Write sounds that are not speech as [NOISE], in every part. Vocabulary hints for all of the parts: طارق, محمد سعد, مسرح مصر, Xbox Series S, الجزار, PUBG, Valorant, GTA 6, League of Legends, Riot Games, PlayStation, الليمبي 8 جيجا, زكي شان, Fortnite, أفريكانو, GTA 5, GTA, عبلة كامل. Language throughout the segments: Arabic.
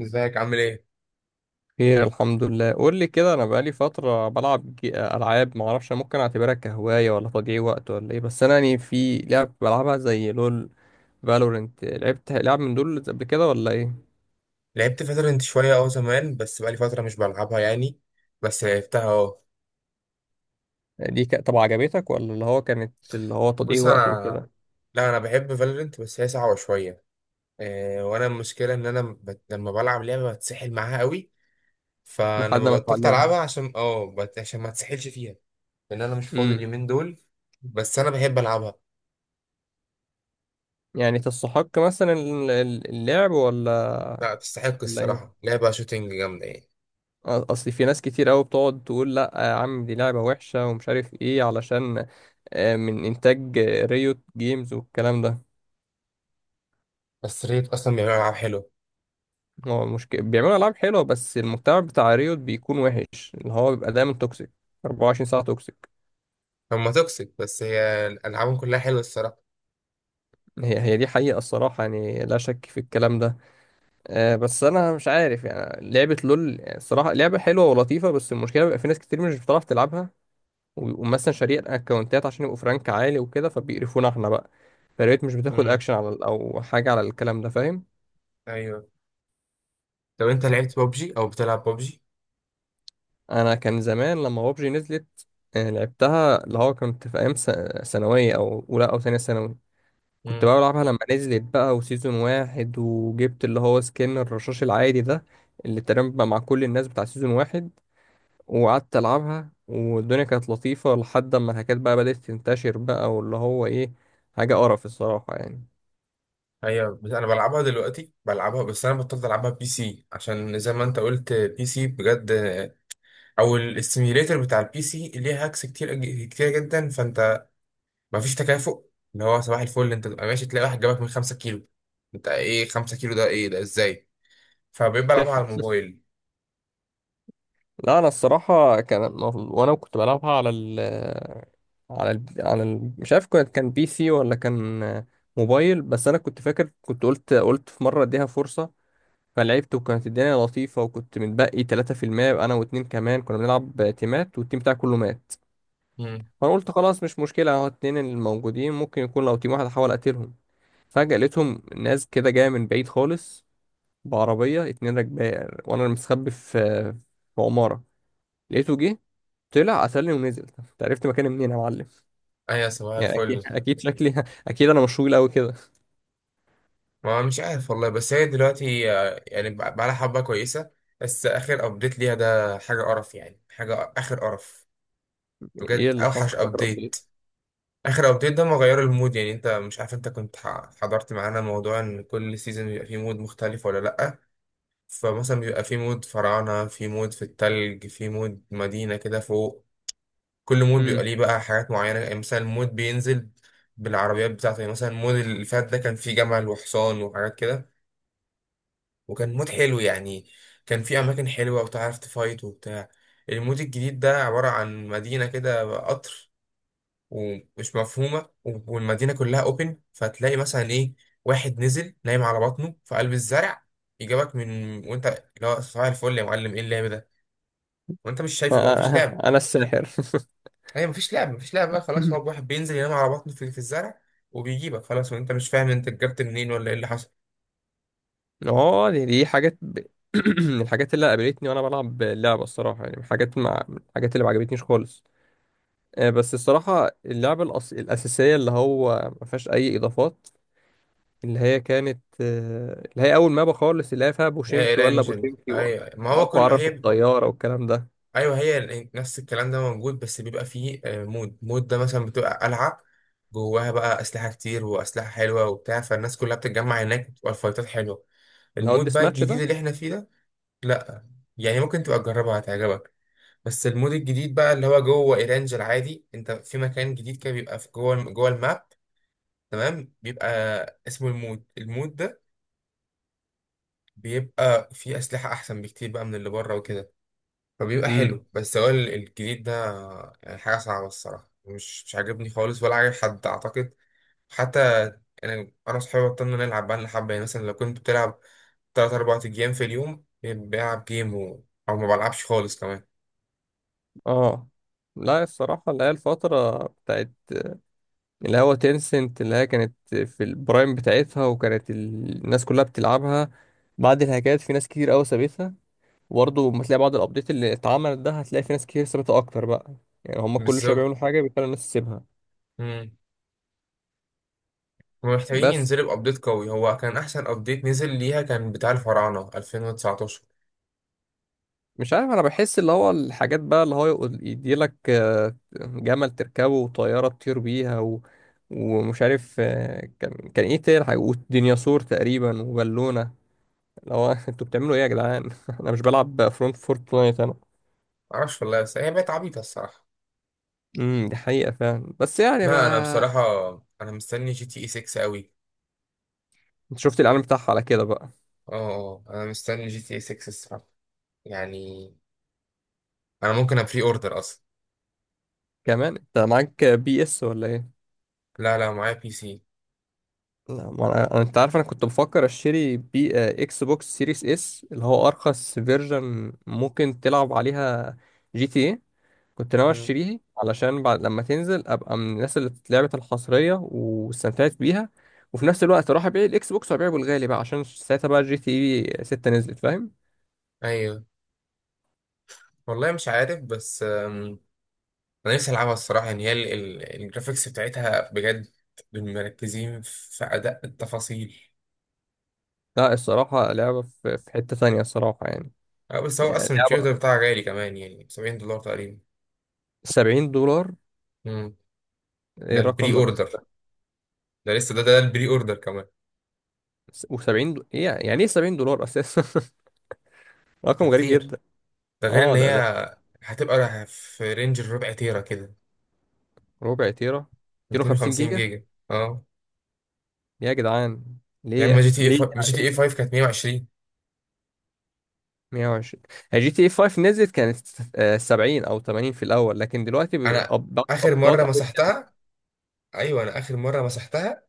ازيك عامل ايه؟ خير، الحمد لله. قول لي كده، انا بقالي فتره بلعب العاب، ما اعرفش ممكن اعتبرها كهوايه ولا تضييع وقت ولا ايه. بس انا يعني في لعب بلعبها زي لول، فالورنت. لعبت لعب من دول قبل كده ولا ايه؟ لعبت فالورنت شوية زمان، بس بقالي فترة مش بلعبها يعني. بس لعبتها، اه. يعني طب، عجبتك ولا اللي هو كانت اللي هو تضييع بص، وقت انا... وكده؟ لا، انا بحب فالورنت، بس هي صعبة شوية. إيه، وانا المشكلة ان انا لما بلعب لعبة بتسحل معاها قوي. فانا لحد ما ما بطلت اتعلمها. العبها عشان ما اتسحلش فيها، لان انا مش فاضي امم اليومين دول. بس انا بحب العبها. يعني تستحق مثلا اللعب ولا؟ لا، تستحق ولا ايه؟ الصراحة، لعبة شوتينج جامدة يعني. اصل في ناس كتير قوي بتقعد تقول لا يا عم، دي لعبه وحشه ومش عارف ايه، علشان من انتاج ريوت جيمز والكلام ده. بس ريت اصلا بيعملوا العاب حلوة. هو المشكلة بيعملوا ألعاب حلوة، بس المجتمع بتاع ريوت بيكون وحش، اللي هو بيبقى دايما توكسيك. 24 ساعة توكسيك. هما توكسيك، بس هي العابهم كلها حلوة الصراحة. هي دي حقيقة الصراحة، يعني لا شك في الكلام ده. بس أنا مش عارف، يعني لعبة لول يعني الصراحة لعبة حلوة ولطيفة، بس المشكلة بيبقى في ناس كتير مش بتعرف تلعبها، وبيبقوا مثلا شاريين أكونتات عشان يبقوا فرانك عالي وكده، فبيقرفونا احنا بقى. فريوت مش بتاخد امم. أكشن على أو حاجة على الكلام ده، فاهم؟ ايوه. لو انت لعبت ببجي او بتلعب ببجي. أنا كان زمان لما بابجي نزلت لعبتها، اللي هو كنت في ثانوية، أو أولى أو تانية ثانوي، كنت امم. بقى بلعبها لما نزلت بقى وسيزون واحد، وجبت اللي هو سكين الرشاش العادي ده اللي تقريبا بقى مع كل الناس بتاع سيزون واحد، وقعدت ألعبها والدنيا كانت لطيفة لحد ما الحاجات بقى بدأت تنتشر بقى، واللي هو إيه، حاجة قرف الصراحة يعني. ايوه. بس انا بلعبها دلوقتي، بلعبها، بس انا بطلت العبها بي سي عشان زي ما انت قلت، بي سي بجد، او الاستيميليتر بتاع البي سي ليه هاكس كتير كتير جدا، فانت مفيش تكافؤ. اللي هو صباح الفل، انت تبقى ماشي تلاقي واحد جابك من 5 كيلو. انت ايه 5 كيلو ده؟ ايه ده؟ ازاي؟ فبقيت بلعبها سحر. على الموبايل. لا أنا الصراحة كان وأنا كنت بلعبها على ال مش عارف، كانت كان بي سي ولا كان موبايل، بس أنا كنت فاكر، كنت قلت في مرة أديها فرصة، فلعبت وكانت الدنيا لطيفة، وكنت متبقي 3%، يبقى أنا واتنين كمان كنا بنلعب تيمات، والتيم بتاعي كله مات. امم. فأنا قلت خلاص مش مشكلة، أهو اتنين الموجودين ممكن يكون لو تيم واحد أحاول أقتلهم. فجأة لقيتهم ناس كده جاية من بعيد خالص بعربية اتنين راكبة، وأنا مستخبي في عمارة، لقيته جه، طلع قتلني ونزل. أنت عرفت مكاني منين يا معلم؟ ايوه، صباح يعني أكيد، الفل. أكيد شكلي [LAUGHS] أكيد أنا مش طويل أوي كده. ما مش عارف والله، بس هي دلوقتي يعني بقى لها حبة كويسة. بس آخر أبديت ليها ده حاجة قرف يعني، حاجة آخر قرف. إيه بجد اللي أوحش حصل فاكر قد إيه؟ أبديت. آخر أبديت ده ما غير المود، يعني أنت مش عارف، أنت كنت حضرت معانا موضوع إن كل سيزون بيبقى فيه مود مختلف ولا لأ. فمثلا بيبقى فيه مود فراعنة، فيه مود في التلج، فيه مود مدينة كده فوق. كل مود بيبقى أمم. ليه بقى حاجات معينة، يعني مثلا مود بينزل بالعربيات بتاعته. يعني مثلا المود اللي فات ده كان فيه جمل وحصان وحاجات كده، وكان مود حلو يعني. كان في اماكن حلوه، وتعرف تفايت وبتاع. المود الجديد ده عباره عن مدينه كده قطر، ومش مفهومه، والمدينه كلها اوبن. فتلاقي مثلا ايه، واحد نزل نايم على بطنه في قلب الزرع، يجابك من... وانت... اللي هو صباح الفل يا معلم، ايه اللعب ده؟ وانت مش شايفه بقى، مفيش لعب. [LAUGHS] أنا الساحر. ايوه، مفيش لعب، مفيش لعب بقى، خلاص. هو [LAUGHS] واحد بينزل ينام على بطنه في الزرع وبيجيبك، خلاص، وانت مش فاهم انت جبت منين ولا ايه اللي حصل. اه دي [CLEARS THROAT] من الحاجات اللي قابلتني وانا بلعب اللعبه الصراحه، يعني من الحاجات من الحاجات اللي ما عجبتنيش خالص. بس الصراحه اللعبه الاساسيه اللي هو ما فيهاش اي اضافات، اللي هي كانت اللي هي اول مابا خالص، اللي هي فيها ده بوشينكي ولا ايرانجل، ايوه، ما هو واقوى كل عرف هي... الطياره والكلام ده. ايوه، هي نفس الكلام ده موجود، بس بيبقى فيه مود. مود ده مثلا بتبقى قلعه، جواها بقى اسلحه كتير واسلحه حلوه وبتاع، فالناس كلها بتتجمع هناك وتبقى الفايتات حلوه. اللي هو المود الديس بقى ماتش الجديد ده. اللي احنا فيه ده... لا. يعني ممكن تبقى تجربها، هتعجبك. بس المود الجديد بقى اللي هو جوه ايرانج العادي، انت في مكان جديد كده بيبقى في جوه جوه الماب، تمام. بيبقى اسمه المود. المود ده بيبقى فيه اسلحه احسن بكتير بقى من اللي بره وكده، فبيبقى امم حلو. بس هو الجديد ده يعني حاجة صعبة الصراحة، مش عاجبني خالص ولا عاجب حد أعتقد حتى. أنا وصحابي بطلنا نلعب بقى لنا حبة، يعني مثلا لو كنت بتلعب تلات أربع أيام، في اليوم بلعب جيم أو ما بلعبش خالص كمان. اه لا الصراحه اللي هي الفتره بتاعت اللي هو تينسنت، اللي هي كانت في البرايم بتاعتها، وكانت الناس كلها بتلعبها. بعد الهاكات في ناس كتير قوي سابتها، وبرضه لما تلاقي بعض الابديت اللي اتعملت ده هتلاقي في ناس كتير سابتها اكتر بقى. يعني هم كل شويه بالظبط. بيعملوا حاجه بيخلوا الناس تسيبها. مم. هما محتاجين بس ينزلوا بأبديت قوي. هو كان أحسن أبديت نزل ليها كان بتاع الفراعنة 2019. مش عارف، انا بحس اللي هو الحاجات بقى اللي هو يديلك جمل تركبه وطياره تطير بيها و... ومش عارف كان ايه تاني حاجه، وديناصور تقريبا وبالونه، اللي هو [LAUGHS] انتوا بتعملوا ايه يا جدعان؟ [LAUGHS] انا مش بلعب فورتنايت انا. معرفش والله، بس هي بقت عبيطة الصراحة. دي حقيقة فعلا، بس يعني لا، أنا بقى. بصراحة أنا مستني جي تي إي 6 أوي. انت شفت الاعلان بتاعها على كده بقى؟ أنا مستني جي تي إي 6 الصراحة، يعني انا ممكن ابري اوردر اصلا. كمان انت معاك بي اس ولا ايه؟ لا لا، معايا بي سي. لا ما انت عارف، انا كنت بفكر اشتري بي آه، اكس بوكس سيريس اس، اللي هو ارخص فيرجن ممكن تلعب عليها جي تي ايه، كنت ناوي مم. اشتريه علشان بعد لما تنزل ابقى من الناس اللي لعبت الحصرية واستمتعت بيها، وفي نفس الوقت اروح ابيع الاكس بوكس وابيعه بالغالي بقى، عشان ساعتها بقى جي تي ايه 6 نزلت، فاهم؟ ايوه، والله مش عارف، بس انا نفسي العبها الصراحه يعني. هي الجرافيكس بتاعتها بجد مركزين في اداء التفاصيل. لا الصراحة لعبة في حتة تانية الصراحة يعني. بس هو يعني اصلا البري اوردر لعبة بتاعها غالي كمان، يعني 70 دولار تقريبا. $70! مم. ده ايه رقم البري اوردر. ده لسه ده البري اوردر كمان، ايه يعني ايه $70 اساسا! [LAUGHS] رقم غريب فكتير. جدا. ده غير ان اه ده هي ده هتبقى في رينج الربع تيرا كده، ربع تيرا. 250 250 جيجا! جيجا، اه. يا جدعان يا اما ليه جي [LAUGHS] تي اي ليه 5، جي تي يعني؟ اي 5 كانت 120. 120. هي جي تي اي 5 نزلت كانت 70 او 80 في الاول، لكن دلوقتي انا اخر ابطال. مره مسحتها، ايوه انا اخر مره مسحتها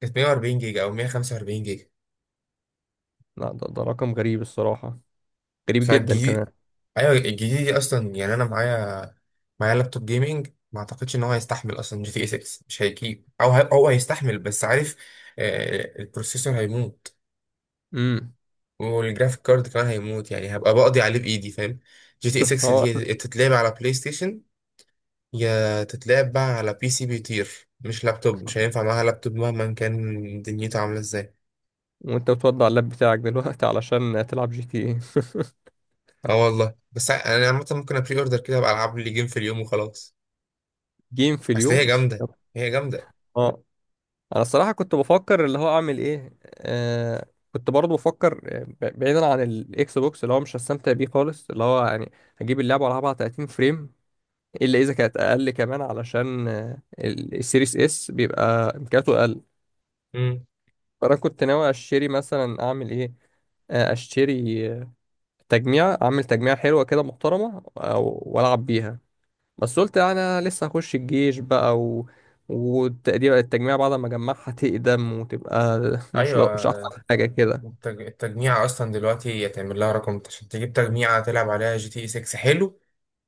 كانت 140 جيجا او 145 جيجا. لا ده رقم غريب الصراحة، غريب جدا كمان. فالجديد، ايوه الجديد دي اصلا. يعني انا معايا لابتوب جيمنج، ما اعتقدش ان هو هيستحمل اصلا جي تي اي 6. مش هيجيب، او هو هيستحمل بس، عارف، البروسيسور هيموت، امم والجرافيك كارد كمان هيموت، يعني هبقى بقضي عليه بايدي، فاهم. جي تي اي 6 اه دي [LAUGHS] تتلعب على بلاي ستيشن، يا تتلعب بقى على بي سي بيطير، مش لابتوب. مش هينفع معاها لابتوب مهما كان دنيته عامله ازاي. وانت بتوضع اللاب بتاعك دلوقتي علشان تلعب جي تي اي؟ اه والله، بس انا عامه ممكن ابري اوردر كده، ابقى العب لي جيم في اليوم وخلاص. [LAUGHS] جيم في اصل هي اليوم! جامده، هي جامده. [LAUGHS] اه انا الصراحه كنت بفكر اللي هو اعمل ايه، آه كنت برضه بفكر بعيدا عن الاكس بوكس اللي هو مش هستمتع بيه خالص، اللي هو يعني هجيب اللعبه والعبها على 30 فريم، الا اذا كانت اقل كمان، علشان السيريس اس بيبقى امكانياته اقل. امم. فانا كنت ناوي اشتري مثلا، اعمل ايه، اشتري تجميع، اعمل تجميع حلوه كده محترمه والعب بيها. بس قلت يعني انا لسه هخش الجيش بقى و... والتقدير التجميع بعد ما اجمعها تقدم وتبقى [LAUGHS] ايوه. مش احسن حاجه كده. التجميعة اصلا دلوقتي يتعمل لها رقم عشان تجيب تجميعة تلعب عليها جي تي اي 6 حلو،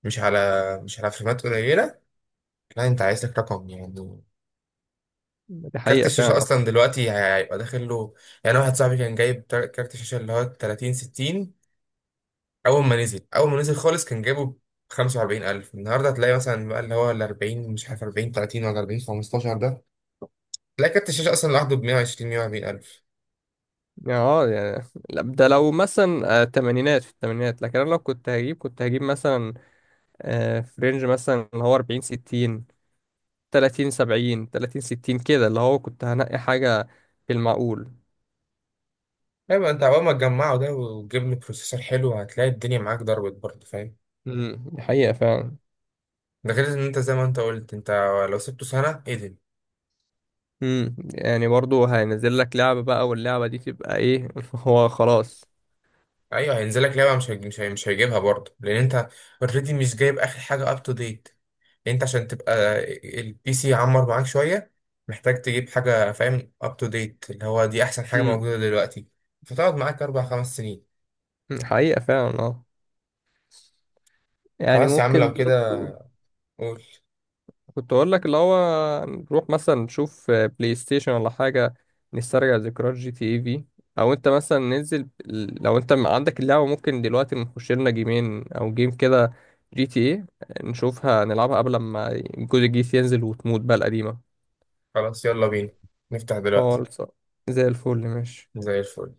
مش على مش على فريمات قليلة. لا، انت عايز لك رقم يعني. دي كارت حقيقه الشاشة فعلا، اصلا دلوقتي هيبقى داخل له. يعني واحد صاحبي كان جايب كارت الشاشة اللي هو 30 60، اول ما نزل خالص كان جايبه ب 45000. النهارده هتلاقي مثلا بقى اللي هو ال 40، مش عارف 40 30 ولا 40 15 ده. تلاقي كارت الشاشة أصلا لوحده ب 120، 140 ألف. يعني اه يعني. لا، ده لو مثلا تمانينات، في التمانينات، لكن انا لو كنت هجيب مثلا في رينج مثلا اللي هو 40 60، 30 70، 30 60 كده، اللي هو كنت هنقي حاجه في المعقول. أيوة، أنت أول ما تجمعه ده وتجيب له بروسيسور حلو، هتلاقي الدنيا معاك ضربت برضه، فاهم. دي حقيقه فعلا. ده غير إن أنت زي ما أنت قلت، أنت لو سبته سنة، إيه. يعني برضو هينزل لك لعبه بقى، واللعبه دي تبقى ايه؟ [LAUGHS] هو خلاص. أيوة هينزل لك لعبة، مش هيجيبها برضه لأن أنت أوريدي مش جايب آخر حاجة أب تو ديت. أنت عشان تبقى البي سي يعمر معاك شوية، محتاج تجيب حاجة فاهم أب تو ديت، اللي هو دي أحسن حاجة موجودة دلوقتي، فتقعد معاك أربع خمس سنين. حقيقة فعلا اه، يعني خلاص يا عم، ممكن لو كده برضه. قول. كنت اقول لك اللي هو نروح مثلا نشوف بلاي ستيشن ولا حاجة، نسترجع ذكريات جي تي اي في، او انت مثلا ننزل، لو انت عندك اللعبة ممكن دلوقتي نخش لنا جيمين او جيم كده، جي تي اي، نشوفها نلعبها قبل ما الجزء الجديد ينزل وتموت بقى القديمة. خلاص يلا بينا، نفتح دلوقتي. خالص آه. زي الفل ماشي. زي الفل.